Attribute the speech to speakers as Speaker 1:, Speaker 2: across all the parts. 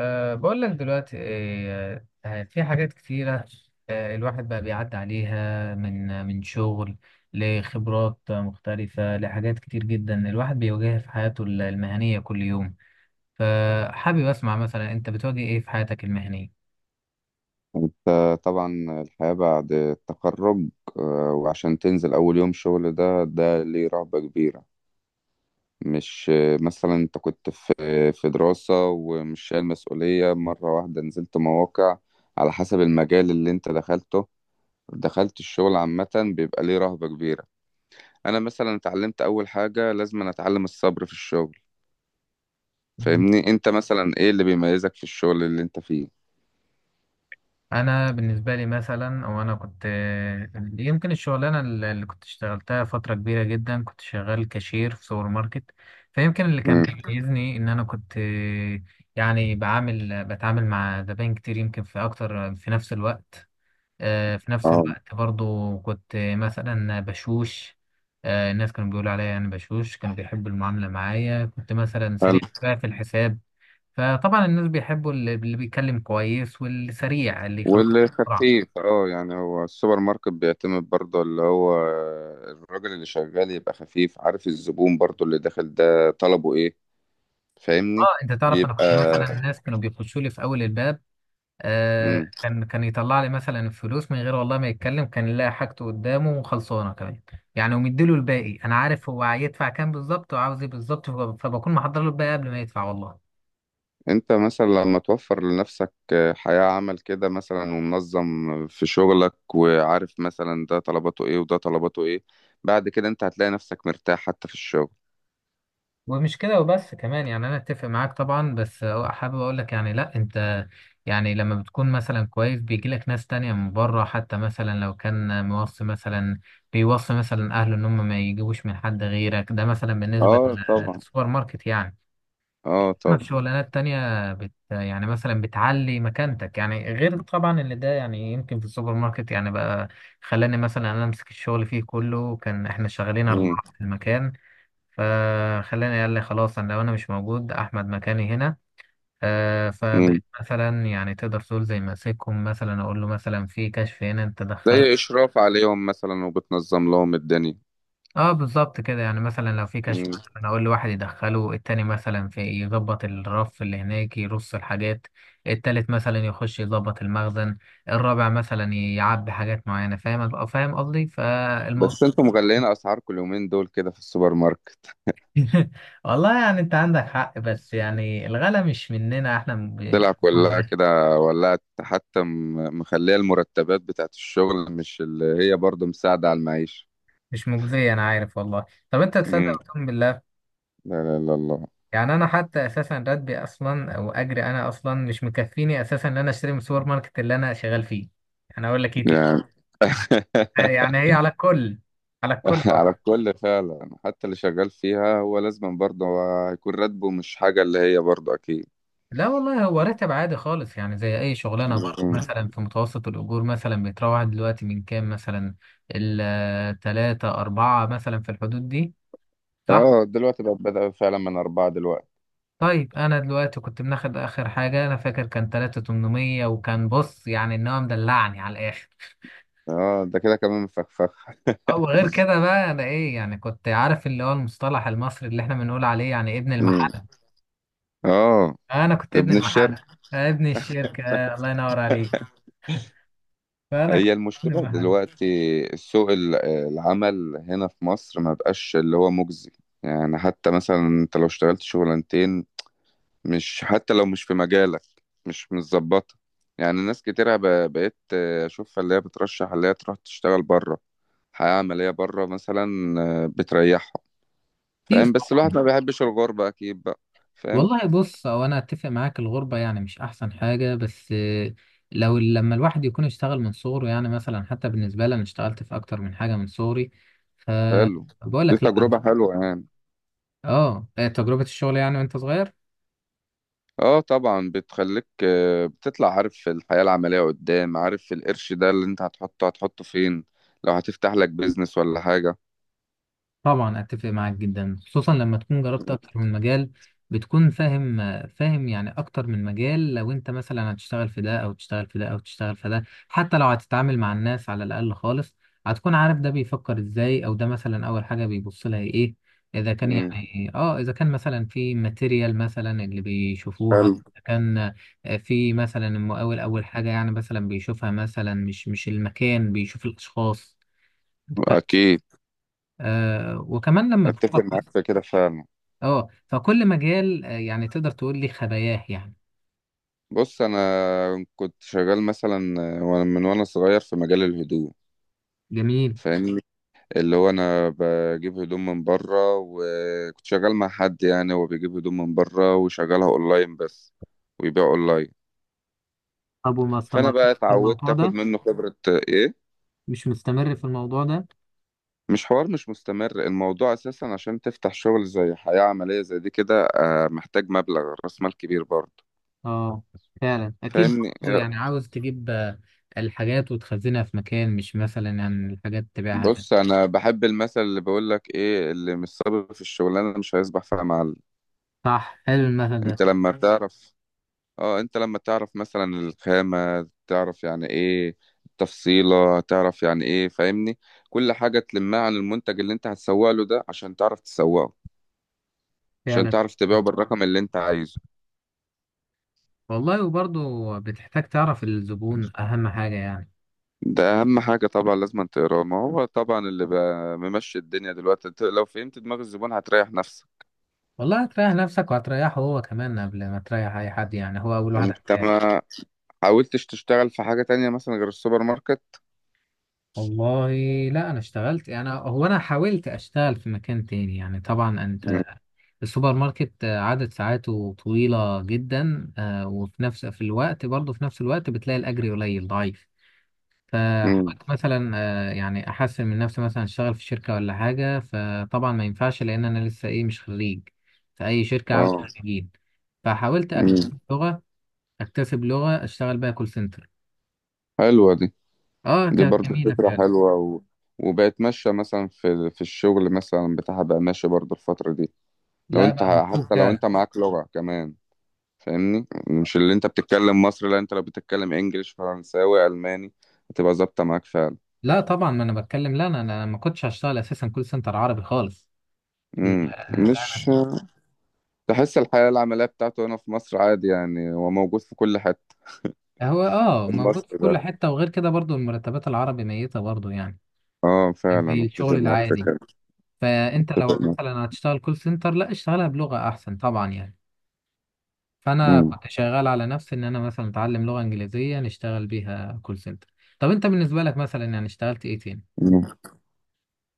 Speaker 1: بقول لك دلوقتي إيه، في حاجات كتيرة. الواحد بقى بيعدي عليها من شغل لخبرات مختلفة، لحاجات كتير جدا الواحد بيواجهها في حياته المهنية كل يوم. فحابب أسمع مثلا، أنت بتواجه إيه في حياتك المهنية؟
Speaker 2: انت طبعا الحياة بعد التخرج وعشان تنزل أول يوم شغل ده ليه رهبة كبيرة. مش مثلا انت كنت في دراسة ومش شايل مسؤولية، مرة واحدة نزلت مواقع على حسب المجال اللي انت دخلته، دخلت الشغل عامة. بيبقى ليه رهبة كبيرة. أنا مثلا اتعلمت أول حاجة لازم أنا أتعلم الصبر في الشغل. فاهمني، انت مثلا ايه اللي بيميزك في الشغل اللي انت فيه؟
Speaker 1: انا بالنسبه لي مثلا، او انا كنت يمكن الشغلانه اللي كنت اشتغلتها فتره كبيره جدا، كنت شغال كاشير في سوبر ماركت. فيمكن اللي كان
Speaker 2: مم.
Speaker 1: بيميزني ان انا كنت يعني بتعامل مع زباين كتير يمكن، في اكتر في نفس الوقت. في نفس الوقت برضو كنت مثلا بشوش. الناس كانوا بيقولوا عليا انا بشوش، كانوا بيحبوا المعامله معايا، كنت مثلا
Speaker 2: اه،
Speaker 1: سريع شوية في الحساب. فطبعا الناس بيحبوا اللي بيتكلم كويس، واللي سريع اللي يخلص بسرعة.
Speaker 2: والخفيف اه، يعني هو السوبر ماركت بيعتمد برضه اللي هو الراجل اللي شغال يبقى خفيف، عارف الزبون برضه اللي داخل ده طلبه ايه. فاهمني.
Speaker 1: اه انت تعرف، انا
Speaker 2: بيبقى.
Speaker 1: كنت مثلا الناس كانوا بيخشوا لي في اول الباب،
Speaker 2: مم.
Speaker 1: كان يطلع لي مثلا الفلوس من غير والله ما يتكلم، كان يلاقي حاجته قدامه وخلصانه كمان. يعني ومديله الباقي، انا عارف هو هيدفع كام بالظبط وعاوز ايه بالظبط، فبكون محضر له الباقي قبل ما يدفع والله.
Speaker 2: انت مثلا لما توفر لنفسك حياة عمل كده مثلا، ومنظم في شغلك، وعارف مثلا ده طلباته ايه وده طلباته ايه، بعد كده انت هتلاقي نفسك مرتاح حتى في الشغل.
Speaker 1: ومش كده وبس كمان، يعني انا اتفق معاك طبعا، بس هو حابب اقول لك يعني، لا انت يعني لما بتكون مثلا كويس بيجي لك ناس تانية من بره، حتى مثلا لو كان موصي، مثلا بيوصي مثلا اهله ان هم ما يجيبوش من حد غيرك. ده مثلا بالنسبة
Speaker 2: اه طبعا.
Speaker 1: للسوبر ماركت يعني.
Speaker 2: اه
Speaker 1: اما في
Speaker 2: طبعا.
Speaker 1: شغلانات تانية يعني مثلا بتعلي مكانتك، يعني غير طبعا اللي ده. يعني يمكن في السوبر ماركت يعني بقى، خلاني مثلا انا امسك الشغل فيه كله، كان احنا شغالين
Speaker 2: مم.
Speaker 1: اربعة في المكان. فخلاني قال لي خلاص، انا لو انا مش موجود احمد مكاني هنا.
Speaker 2: مم.
Speaker 1: فبقيت مثلا يعني تقدر تقول زي ماسكهم، مثلا اقول له مثلا في كشف هنا انت
Speaker 2: زي
Speaker 1: دخله.
Speaker 2: اشراف عليهم مثلا وبتنظم لهم الدنيا.
Speaker 1: اه بالظبط كده. يعني مثلا لو في كشف، مثلا اقول لواحد يدخله، التاني مثلا في يظبط الرف اللي هناك يرص الحاجات، التالت مثلا يخش يظبط المخزن، الرابع مثلا يعبي حاجات معينة. فاهم فاهم قصدي فالموضوع.
Speaker 2: بس انتوا مغلين اسعاركم اليومين دول كده في السوبر ماركت؟
Speaker 1: والله يعني انت عندك حق، بس يعني الغلا مش مننا احنا.
Speaker 2: طلع كلها كده. ولا حتى مخليه المرتبات بتاعت الشغل مش اللي هي برضو مساعدة على المعيشة.
Speaker 1: مش مجزية، أنا عارف والله. طب أنت
Speaker 2: امم.
Speaker 1: تصدق وتؤمن بالله،
Speaker 2: لا لا لا، الله.
Speaker 1: يعني أنا حتى أساسا راتبي أصلا أو أجري أنا أصلا مش مكفيني أساسا إن أنا أشتري من السوبر ماركت اللي أنا شغال فيه. أنا أقول لك إيه تاني؟
Speaker 2: يعني
Speaker 1: يعني هي على الكل، على الكل
Speaker 2: على
Speaker 1: والله.
Speaker 2: الكل فعلا، حتى اللي شغال فيها هو لازم برضه هو هيكون راتبه مش حاجة اللي هي برضه أكيد.
Speaker 1: لا والله هو راتب عادي خالص، يعني زي أي شغلانة بره.
Speaker 2: مم.
Speaker 1: مثلا في متوسط الأجور مثلا بيتراوح دلوقتي من كام؟ مثلا التلاتة أربعة مثلا، في الحدود دي، صح؟
Speaker 2: اه، دلوقتي بقت بدأ فعلا من أربعة دلوقتي.
Speaker 1: طيب انا دلوقتي كنت بناخد اخر حاجه، انا فاكر كان 3800، وكان بص يعني ان هو مدلعني على الاخر.
Speaker 2: اه، ده كده كمان مفخفخ.
Speaker 1: او غير كده بقى انا ايه يعني، كنت عارف اللي هو المصطلح المصري اللي احنا بنقول عليه يعني ابن
Speaker 2: مم.
Speaker 1: المحله.
Speaker 2: اه.
Speaker 1: انا كنت ابن
Speaker 2: ابن
Speaker 1: المحله.
Speaker 2: الشركة.
Speaker 1: أنا ابن الشركه. الله ينور عليك. فانا
Speaker 2: هي
Speaker 1: كنت ابن
Speaker 2: المشكلة
Speaker 1: المحله.
Speaker 2: دلوقتي سوق العمل هنا في مصر ما بقاش اللي هو مجزي. يعني حتى مثلا انت لو اشتغلت شغلانتين، مش حتى لو مش في مجالك، مش متظبطة. يعني ناس كتيرة بقيت اشوفها اللي هي بترشح اللي هي تروح تشتغل بره، حياة عملية بره مثلا، بتريحها.
Speaker 1: كتير
Speaker 2: فاهم، بس الواحد
Speaker 1: طبعا.
Speaker 2: ما بيحبش الغربة اكيد بقى. فاهم.
Speaker 1: والله بص، هو انا اتفق معاك، الغربة يعني مش احسن حاجة، بس لو لما الواحد يكون اشتغل من صغره، يعني مثلا حتى بالنسبة لي انا اشتغلت في اكتر من حاجة من صغري.
Speaker 2: حلو.
Speaker 1: فبقول
Speaker 2: دي
Speaker 1: لك لا
Speaker 2: تجربة
Speaker 1: أنا-
Speaker 2: حلوة يعني.
Speaker 1: اه، تجربة الشغل يعني وانت صغير.
Speaker 2: اه طبعا، بتخليك بتطلع عارف في الحياة العملية قدام، عارف القرش ده اللي انت هتحطه هتحطه فين، لو هتفتح لك بيزنس ولا حاجة.
Speaker 1: طبعا اتفق معاك جدا، خصوصا لما تكون جربت اكتر من مجال بتكون فاهم. فاهم يعني، اكتر من مجال، لو انت مثلا هتشتغل في ده او تشتغل في ده او تشتغل في ده، حتى لو هتتعامل مع الناس على الاقل خالص، هتكون عارف ده بيفكر ازاي، او ده مثلا اول حاجة بيبص لها ايه. اذا كان
Speaker 2: مم.
Speaker 1: يعني اه، اذا كان مثلا في ماتيريال مثلا اللي بيشوفوها.
Speaker 2: حلو.
Speaker 1: إذا كان في مثلا المقاول، اول حاجة يعني مثلا بيشوفها مثلا، مش المكان، بيشوف الاشخاص. أنت فاهم؟
Speaker 2: اكيد.
Speaker 1: وكمان لما
Speaker 2: اتفق
Speaker 1: بتقف،
Speaker 2: معاك في كده فعلا.
Speaker 1: اه فكل مجال يعني تقدر تقول لي خباياه يعني.
Speaker 2: بص انا كنت شغال مثلا من وانا صغير في مجال الهدوم.
Speaker 1: جميل.
Speaker 2: فاهمني. اللي هو انا بجيب هدوم من بره، وكنت شغال مع حد يعني هو بيجيب هدوم من بره وشغلها اونلاين بس، ويبيع اونلاين.
Speaker 1: طب وما
Speaker 2: فانا
Speaker 1: استمرتش
Speaker 2: بقى
Speaker 1: في
Speaker 2: اتعودت
Speaker 1: الموضوع
Speaker 2: اخد
Speaker 1: ده؟
Speaker 2: منه خبرة ايه.
Speaker 1: مش مستمر في الموضوع ده.
Speaker 2: مش حوار، مش مستمر الموضوع اساسا. عشان تفتح شغل زي حياة عملية زي دي كده محتاج مبلغ راس مال كبير برضه.
Speaker 1: اه فعلا اكيد
Speaker 2: فاهمني
Speaker 1: برضه، يعني عاوز تجيب الحاجات وتخزنها في مكان، مش مثلا يعني الحاجات تبيعها من.
Speaker 2: بص انا بحب المثل اللي بيقول لك ايه: اللي مش صابر في الشغلانة مش هيصبح فيها معلم.
Speaker 1: صح، حلو المثل ده
Speaker 2: انت لما بتعرف اه انت لما تعرف مثلا الخامة تعرف يعني ايه، التفصيلة تعرف يعني ايه، فاهمني، كل حاجة تلمها عن المنتج اللي انت هتسوق له ده عشان تعرف تسوقه، عشان
Speaker 1: فعلا.
Speaker 2: تعرف تبيعه بالرقم اللي انت عايزه.
Speaker 1: والله وبرضه بتحتاج تعرف الزبون، اهم حاجة يعني.
Speaker 2: ده اهم حاجه طبعا، لازم تقراه. ما هو طبعا اللي بقى ممشي الدنيا دلوقتي انت لو فهمت دماغ الزبون هتريح نفسك.
Speaker 1: والله هتريح نفسك وهتريحه هو كمان، قبل ما تريح اي حد، يعني هو اول واحد.
Speaker 2: انت ما حاولتش تشتغل في حاجه تانية مثلا غير السوبر ماركت؟
Speaker 1: والله لا انا اشتغلت، يعني هو انا حاولت اشتغل في مكان تاني، يعني طبعا
Speaker 2: مم.
Speaker 1: انت السوبر ماركت عدد ساعاته طويلة جدا، وفي نفس في الوقت برضه في نفس الوقت بتلاقي الاجر قليل ضعيف.
Speaker 2: مم.
Speaker 1: فحاولت مثلا يعني احسن من نفسي مثلا اشتغل في شركة ولا حاجة، فطبعا ما ينفعش لان انا لسه ايه، مش خريج. فاي شركة عاوز
Speaker 2: اه.
Speaker 1: خريجين. فحاولت
Speaker 2: مم.
Speaker 1: اكتسب لغة، اكتسب لغة اشتغل بيها كول سنتر.
Speaker 2: حلوه دي
Speaker 1: اه
Speaker 2: دي
Speaker 1: كانت
Speaker 2: برضو
Speaker 1: جميلة
Speaker 2: فكره
Speaker 1: فعلا.
Speaker 2: حلوه وبقت ماشيه مثلا في الشغل مثلا بتاعها، بقى ماشي برضو الفتره دي.
Speaker 1: لا بقى مطلوب
Speaker 2: لو
Speaker 1: فعلا.
Speaker 2: انت معاك لغه كمان، فاهمني، مش اللي انت بتتكلم مصري، لا انت لو بتتكلم انجليش فرنساوي الماني هتبقى ظابطه معاك فعلا.
Speaker 1: لا طبعا ما انا بتكلم، لا انا ما كنتش هشتغل اساسا كول سنتر عربي خالص. لا،
Speaker 2: مم. مش
Speaker 1: لا.
Speaker 2: تحس الحياة العملية بتاعته هنا في مصر عادي يعني هو موجود في كل حتة.
Speaker 1: انا هو اه موجود في
Speaker 2: المصري
Speaker 1: كل
Speaker 2: ده
Speaker 1: حته، وغير كده برضو المرتبات العربي ميته برضو يعني،
Speaker 2: اه فعلا
Speaker 1: زي الشغل
Speaker 2: اتفق معاك في
Speaker 1: العادي.
Speaker 2: كده.
Speaker 1: فانت لو
Speaker 2: اتفق معاك.
Speaker 1: مثلا هتشتغل كول سنتر لا اشتغلها بلغه احسن طبعا يعني. فانا
Speaker 2: مم.
Speaker 1: كنت شغال على نفسي ان انا مثلا اتعلم لغه انجليزيه نشتغل بيها كول سنتر. طب انت بالنسبه لك مثلا يعني اشتغلت ايه تاني؟
Speaker 2: مم.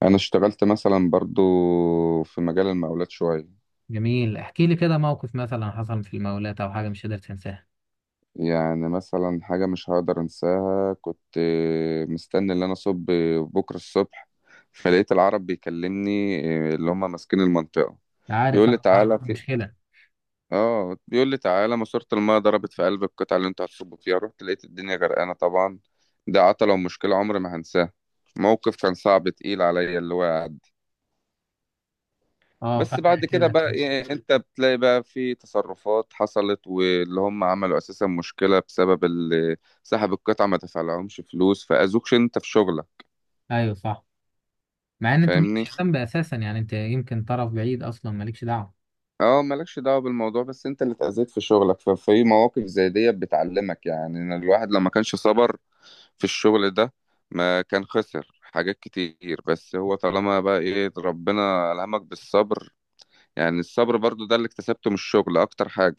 Speaker 2: انا اشتغلت مثلا برضو في مجال المقاولات شوية.
Speaker 1: جميل، احكي لي كده موقف مثلا حصل في المولات او حاجه مش قادر تنساها.
Speaker 2: يعني مثلا حاجة مش هقدر انساها، كنت مستني ان انا اصب بكرة الصبح، فلقيت العرب بيكلمني اللي هم ماسكين المنطقة،
Speaker 1: عارف،
Speaker 2: بيقول لي
Speaker 1: انا عارف
Speaker 2: تعالى في
Speaker 1: مشكله.
Speaker 2: اه بيقول لي تعالى ماسورة المايه ضربت في قلب القطعة اللي انتوا هتصبوا فيها، رحت لقيت الدنيا غرقانة طبعا. ده عطلة ومشكلة عمري ما هنساه، موقف كان صعب تقيل عليا اللي هو قعد.
Speaker 1: اه
Speaker 2: بس
Speaker 1: فاكر
Speaker 2: بعد كده
Speaker 1: كده.
Speaker 2: بقى انت بتلاقي بقى في تصرفات حصلت واللي هم عملوا اساسا مشكلة بسبب اللي سحب القطعة، ما دفعلهمش فلوس، فأذوكش انت في شغلك.
Speaker 1: ايوه صح. مع ان انت
Speaker 2: فاهمني.
Speaker 1: مالكش ذنب اساسا، يعني انت يمكن طرف بعيد اصلا مالكش دعوه.
Speaker 2: اه، مالكش دعوة بالموضوع بس انت اللي اتأذيت في شغلك. ففي مواقف زي دي بتعلمك يعني إن الواحد لما كانش صبر في الشغل ده ما كان خسر حاجات كتير، بس هو طالما بقى ايه ربنا ألهمك بالصبر. يعني الصبر برضو ده اللي اكتسبته من الشغل اكتر حاجة.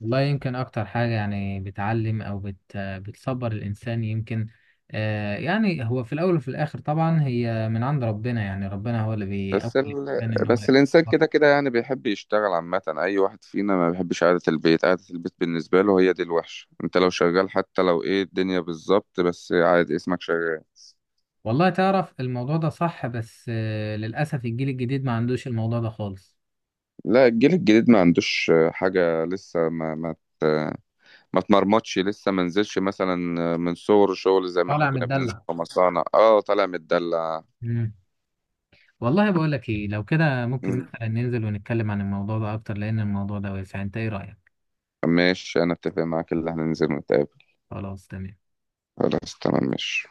Speaker 1: والله يمكن اكتر حاجه، يعني بتعلم او بتصبر الانسان يمكن. يعني هو في الاول وفي الاخر طبعا هي من عند ربنا، يعني ربنا هو اللي بيقوي
Speaker 2: بس ال...
Speaker 1: الانسان ان هو
Speaker 2: بس الانسان
Speaker 1: يتصبر.
Speaker 2: كده كده يعني بيحب يشتغل عامة، اي واحد فينا ما بيحبش قعدة البيت، قعدة البيت بالنسبة له هي دي الوحشة. انت لو شغال حتى لو ايه الدنيا بالظبط بس عادي اسمك شغال.
Speaker 1: والله تعرف الموضوع ده صح، بس للاسف الجيل الجديد ما عندوش الموضوع ده خالص.
Speaker 2: لا الجيل الجديد ما عندوش حاجة لسه ما اتمرمطش لسه، ما نزلش مثلا من صور شغل زي ما احنا
Speaker 1: طالع
Speaker 2: كنا بننزل
Speaker 1: متدلع.
Speaker 2: في مصانع. اه طالع متدلع.
Speaker 1: مم. والله بقول لك ايه، لو كده ممكن
Speaker 2: مم.
Speaker 1: مثلا ننزل ونتكلم عن الموضوع ده اكتر لان الموضوع ده واسع، انت ايه رايك؟
Speaker 2: ماشي انا اتفق معاك، اللي هننزل نتقابل.
Speaker 1: خلاص تمام.
Speaker 2: خلاص تمام ماشي.